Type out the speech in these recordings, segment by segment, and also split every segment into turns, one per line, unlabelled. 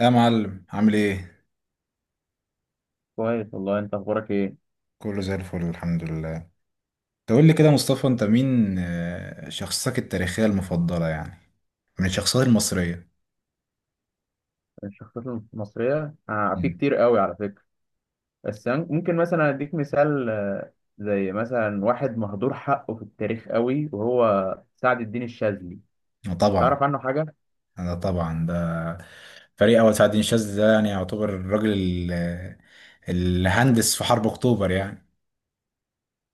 يا معلم، عامل ايه؟
كويس والله، انت اخبارك ايه؟
كله زي الفل الحمد لله. تقول لي كده يا مصطفى، انت مين شخصيتك التاريخية المفضلة يعني من الشخصيات المصرية؟
الشخصيات المصريه، في
مم.
كتير قوي على فكره. بس أنا ممكن مثلا اديك مثال، زي مثلا واحد مهدور حقه في التاريخ قوي، وهو سعد الدين الشاذلي.
طبعا.
تعرف عنه حاجه؟
انا طبعا ده فريق اول سعد الشاذلي ده يعني يعتبر الراجل اللي هندس في حرب اكتوبر يعني.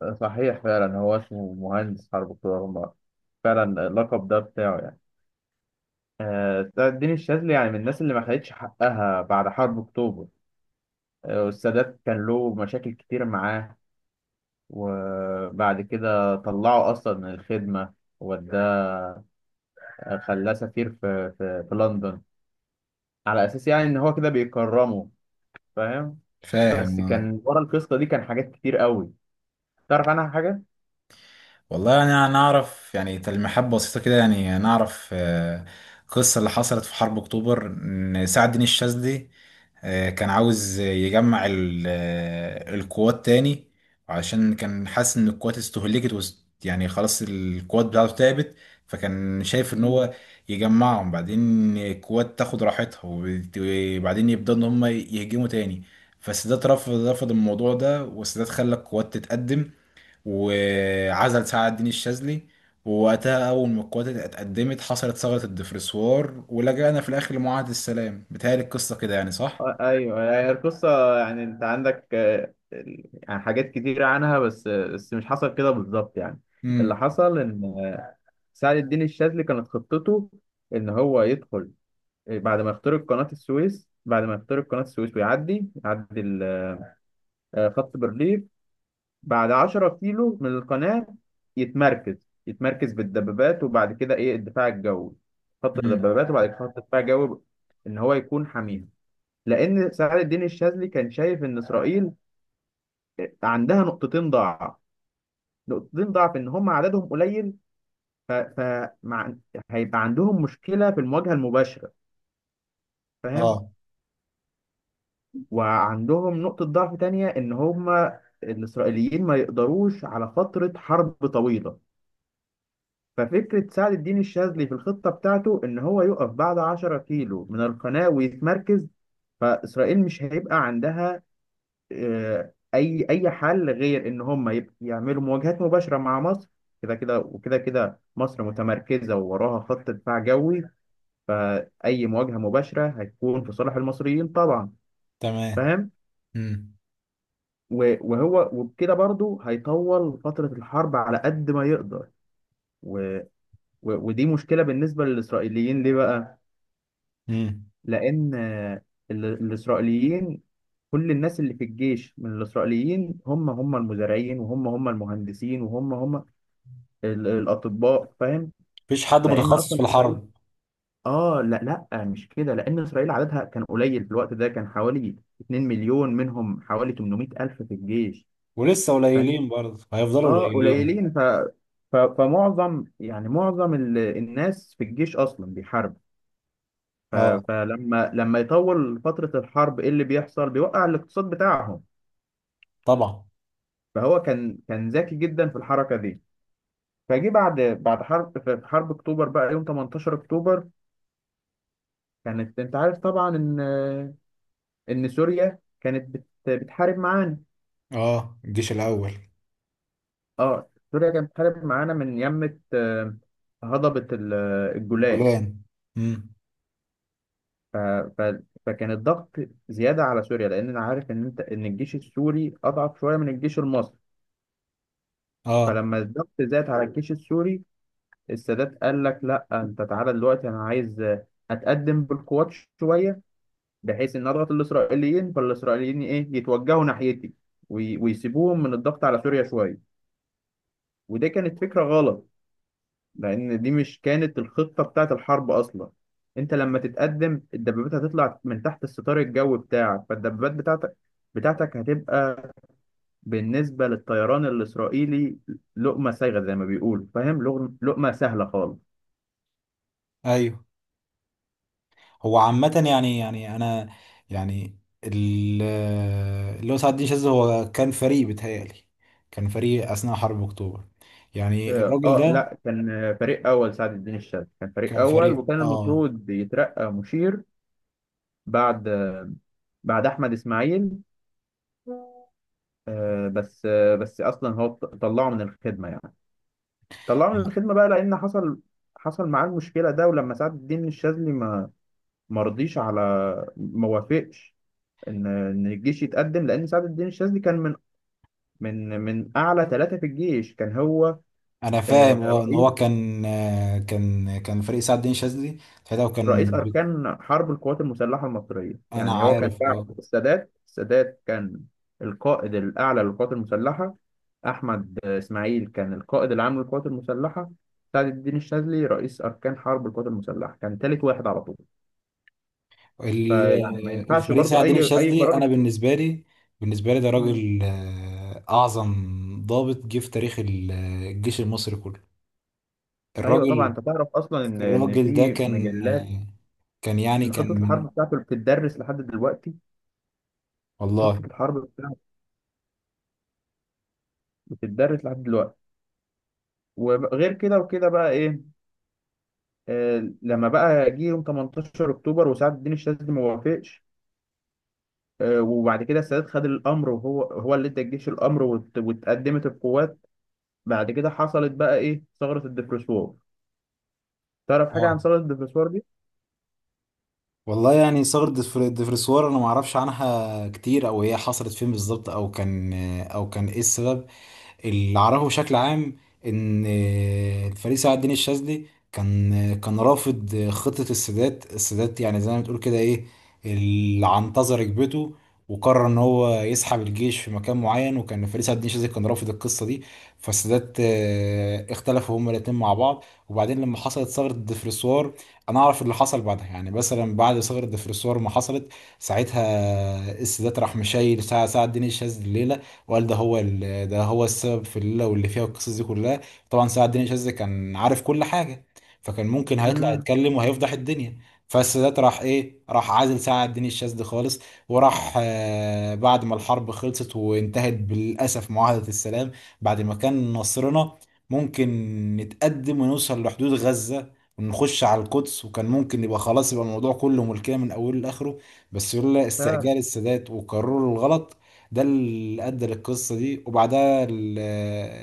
صحيح، فعلا هو اسمه مهندس حرب اكتوبر فعلا، اللقب ده بتاعه يعني. سعد الدين الشاذلي يعني من الناس اللي ما خدتش حقها بعد حرب اكتوبر. والسادات كان له مشاكل كتير معاه، وبعد كده طلعه اصلا من الخدمه، وده خلاه سفير في لندن، على اساس يعني ان هو كده بيكرمه. فاهم؟ بس
فاهم آه.
كان ورا القصه دي كان حاجات كتير قوي. تعرف عنها حاجه؟
والله انا يعني اعرف يعني تلميحات بسيطه كده يعني نعرف، قصه اللي حصلت في حرب اكتوبر ان سعد الدين الشاذلي كان عاوز يجمع القوات تاني، عشان كان حاسس ان القوات استهلكت يعني خلاص القوات بتاعته تعبت. فكان شايف ان
مم.
هو يجمعهم، بعدين القوات تاخد راحتها وبعدين يبدأوا ان هم يهجموا تاني. فالسادات رفض، رفض الموضوع ده، والسادات خلى القوات تتقدم وعزل سعد الدين الشاذلي. ووقتها أول ما القوات اتقدمت حصلت ثغرة الدفرسوار، ولجأنا في الآخر لمعاهدة السلام. بتهيألي القصة كده يعني، صح؟
ايوه، هي القصه يعني، انت عندك يعني حاجات كتير عنها، بس مش حصل كده بالظبط يعني. اللي
امم.
حصل ان سعد الدين الشاذلي كانت خطته ان هو يدخل، بعد ما يخترق قناه السويس، ويعدي خط برليف. بعد 10 كيلو من القناة، يتمركز بالدبابات، وبعد كده ايه الدفاع الجوي. خط
امم.
الدبابات، وبعد كده خط الدفاع الجوي، ان هو يكون حاميها. لان سعد الدين الشاذلي كان شايف ان اسرائيل عندها نقطتين ضعف. ان هم عددهم قليل، ف... ف... مع... هيبقى عندهم مشكلة في المواجهة المباشرة. فاهم؟
اه.
وعندهم نقطة ضعف تانية، ان هم الاسرائيليين ما يقدروش على فترة حرب طويلة. ففكرة سعد الدين الشاذلي في الخطة بتاعته إن هو يقف بعد 10 كيلو من القناة ويتمركز. فإسرائيل مش هيبقى عندها أي حل غير إن هم يعملوا مواجهات مباشرة مع مصر. كده كده وكده كده، مصر متمركزة ووراها خط دفاع جوي، فأي مواجهة مباشرة هتكون في صالح المصريين طبعا.
تمام.
فاهم؟
امم.
وهو وبكده برضه هيطول فترة الحرب على قد ما يقدر. و- ودي مشكلة بالنسبة للإسرائيليين، ليه بقى؟
امم.
لان الاسرائيليين، كل الناس اللي في الجيش من الاسرائيليين هم هم المزارعين، وهم هم المهندسين، وهم هم الاطباء. فاهم؟
مفيش حد
لان
متخصص
اصلا
في
اسرائيل
الحرب.
اه، لا لا، مش كده. لان اسرائيل عددها كان قليل في الوقت ده، كان حوالي 2 مليون، منهم حوالي 800 الف في الجيش.
ولسه
فاهم؟
قليلين، برضه هيفضلوا
اه،
قليلين.
قليلين. فمعظم يعني معظم الناس في الجيش اصلا بيحاربوا. ف-
اه
فلما يطول فترة الحرب، ايه اللي بيحصل؟ بيوقع الاقتصاد بتاعهم.
طبعا.
فهو كان ذكي جدا في الحركة دي. فجي بعد بعد حرب في في حرب اكتوبر بقى، يوم 18 اكتوبر، كانت، انت عارف طبعا ان سوريا كانت بتحارب معانا.
اه، الجيش الاول.
اه، سوريا كانت بتحارب معانا من يمة هضبة الجولان.
الجولان. امم.
ف ف فكان الضغط زيادة على سوريا، لأن أنا عارف إن إن الجيش السوري أضعف شوية من الجيش المصري.
اه
فلما الضغط زاد على الجيش السوري، السادات قال لك: لا، انت تعالى دلوقتي، انا عايز اتقدم بالقوات شويه، بحيث ان اضغط الاسرائيليين، فالاسرائيليين ايه يتوجهوا ناحيتي، ويسيبوهم من الضغط على سوريا شويه. ودي كانت فكره غلط، لان دي مش كانت الخطه بتاعت الحرب اصلا. انت لما تتقدم الدبابات هتطلع من تحت الستار الجوي بتاعك، فالدبابات بتاعتك هتبقى بالنسبه للطيران الاسرائيلي لقمه سايغه، زي ما بيقولوا. فاهم؟ لقمه سهله خالص.
ايوه. هو عامة يعني، يعني انا يعني اللي هو سعد الدين شاذلي، هو كان فريق بيتهيألي. كان فريق اثناء حرب اكتوبر يعني،
اه،
الراجل ده
لا، كان فريق اول. سعد الدين الشاذلي كان فريق
كان
اول،
فريق
وكان
اه.
المفروض يترقى مشير بعد احمد اسماعيل. بس اصلا هو طلعه من الخدمه يعني. طلعه من الخدمه بقى، لان حصل معاه المشكله ده. ولما سعد الدين الشاذلي ما ما رضيش على ما وافقش ان الجيش يتقدم، لان سعد الدين الشاذلي كان من اعلى ثلاثه في الجيش. كان هو
انا فاهم
آه،
اه ان
رئيس
هو كان، كان كان فريق سعد الدين شاذلي ساعتها، وكان
رئيس أركان حرب القوات المسلحة المصرية.
انا
يعني هو كان
عارف
بعد
اه.
السادات. السادات كان القائد الأعلى للقوات المسلحة، أحمد إسماعيل كان القائد العام للقوات المسلحة، سعد الدين الشاذلي رئيس أركان حرب القوات المسلحة، كان تالت واحد على طول. فيعني ما ينفعش
الفريق
برضو
سعد الدين
أي
الشاذلي،
قرار
انا بالنسبه لي، بالنسبه لي ده
مم.
راجل اعظم ضابط جه في تاريخ الجيش المصري كله.
أيوه طبعا،
الراجل،
أنت تعرف أصلا إن
الراجل ده
في
كان
مجلات،
كان يعني
إن خطة
كان من.
الحرب بتاعته بتدرس لحد دلوقتي.
والله.
خطة الحرب بتاعته بتدرس لحد دلوقتي. وغير كده وكده بقى إيه، لما بقى جه يوم 18 اكتوبر وسعد الدين الشاذلي ما وافقش، وبعد كده السادات خد الامر، وهو هو اللي ادى الجيش الامر، واتقدمت القوات. بعد كده حصلت بقى ايه ثغرة الدبرسوار. تعرف حاجة عن
اه
ثغرة الدبرسوار دي؟
والله يعني ثورة دفرسوار انا ما اعرفش عنها كتير، او هي حصلت فين بالظبط، او كان، او كان ايه السبب. اللي اعرفه بشكل عام ان الفريق سعد الدين الشاذلي كان كان رافض خطة السادات. السادات يعني زي ما بتقول كده ايه، اللي عنتظر ركبته، وقرر ان هو يسحب الجيش في مكان معين، وكان فريق سعد الدين الشاذلي كان رافض القصة دي. فالسادات اختلفوا هما الاتنين مع بعض. وبعدين لما حصلت ثغرة الدفرسوار، انا اعرف اللي حصل بعدها، يعني مثلا بعد ثغرة الدفرسوار ما حصلت، ساعتها السادات راح مشايل سعد الدين الشاذلي الليلة، وقال ده هو ده هو السبب في الليله واللي فيها القصص دي كلها. طبعا سعد الدين شاذلي كان عارف كل حاجه، فكان ممكن هيطلع
امم.
يتكلم وهيفضح الدنيا. فالسادات راح ايه، راح عازل سعد الدين الشاذلي خالص. وراح آه بعد ما الحرب خلصت وانتهت بالاسف معاهده السلام، بعد ما كان نصرنا ممكن نتقدم ونوصل لحدود غزه ونخش على القدس، وكان ممكن يبقى خلاص، يبقى الموضوع كله ملكية من أوله لآخره. بس يقول لا،
فعلا.
استعجال السادات وقرروا الغلط ده اللي ادى للقصه دي. وبعدها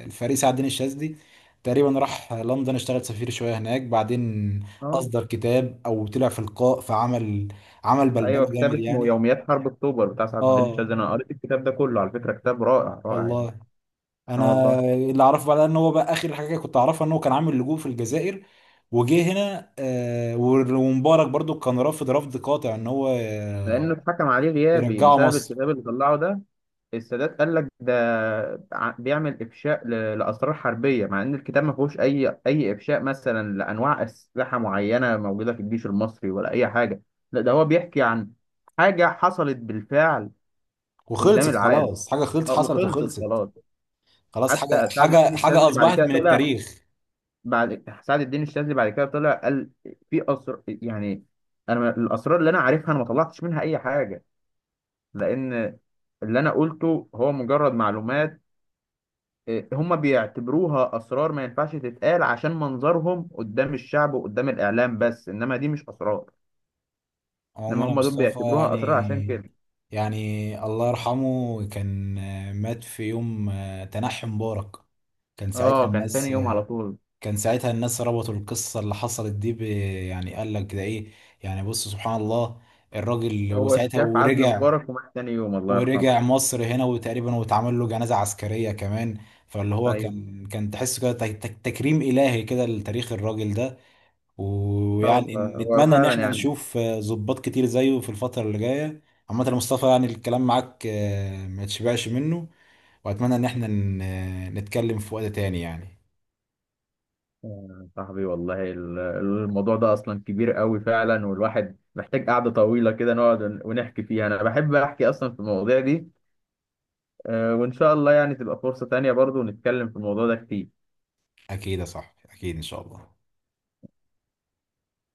الفريق سعد الدين الشاذلي تقريبا راح لندن اشتغل سفير شويه هناك، بعدين
اه.
اصدر كتاب او طلع في لقاء، عمل بلبله
ايوه، كتاب
جامد
اسمه
يعني.
يوميات حرب اكتوبر بتاع سعد الدين
اه
الشاذلي، انا قريت الكتاب ده كله على فكرة. كتاب رائع رائع يعني.
والله.
اه
انا
والله.
اللي اعرفه بعدها ان هو بقى اخر حاجه كنت اعرفها، ان هو كان عامل لجوء في الجزائر، وجه هنا، ومبارك برضو كان رافض رفض قاطع ان هو
لانه اتحكم عليه غيابي
يرجعه
بسبب
مصر.
الكتاب اللي طلعه ده. السادات قال لك ده بيعمل افشاء لاسرار حربيه، مع ان الكتاب ما فيهوش اي افشاء مثلا لانواع اسلحه معينه موجوده في الجيش المصري، ولا اي حاجه. لا، ده هو بيحكي عن حاجه حصلت بالفعل قدام
وخلصت
العالم.
خلاص، حاجه خلصت حصلت
وخلصت
وخلصت.
خلاص.
خلاص، حاجة
حتى سعد
حاجة
الدين
حاجة
الشاذلي بعد
أصبحت
كده
من
طلع.
التاريخ.
بعد سعد الدين الشاذلي بعد كده طلع، قال: في اسر يعني انا الاسرار اللي انا عارفها انا ما طلعتش منها اي حاجه، لان اللي انا قلته هو مجرد معلومات. إيه، هم بيعتبروها اسرار ما ينفعش تتقال عشان منظرهم قدام الشعب وقدام الاعلام، بس انما دي مش اسرار.
عموما
انما
يا
هم دول
مصطفى
بيعتبروها اسرار عشان
يعني،
كده.
يعني الله يرحمه كان مات في يوم تنحي مبارك. كان ساعتها
اه، كان تاني
الناس،
يوم على طول.
كان ساعتها الناس ربطوا القصة اللي حصلت دي ب، يعني قال لك ده إيه، يعني بص سبحان الله. الراجل
هو
وساعتها
شاف عزل
ورجع،
مبارك ومات تاني يوم، الله يرحمه.
ورجع مصر هنا، وتقريبا واتعمل له جنازة عسكرية كمان. فاللي هو
ايوه.
كان كان تحس كده تكريم إلهي كده لتاريخ الراجل ده.
اه
ويعني
والله، هو
نتمنى ان
فعلا
احنا
يعني.
نشوف ضباط كتير زيه في الفترة اللي جاية. عامة يا مصطفى يعني، الكلام معاك ما تشبعش منه. واتمنى ان احنا نتكلم في وقت تاني يعني.
صاحبي والله، الموضوع ده اصلا كبير قوي فعلا، والواحد محتاج قعدة طويلة كده نقعد ونحكي فيها. انا بحب احكي اصلا في المواضيع دي. وان شاء الله يعني تبقى فرصة تانية برضو نتكلم في الموضوع ده كتير.
اكيد يا صاحبي، اكيد ان شاء الله.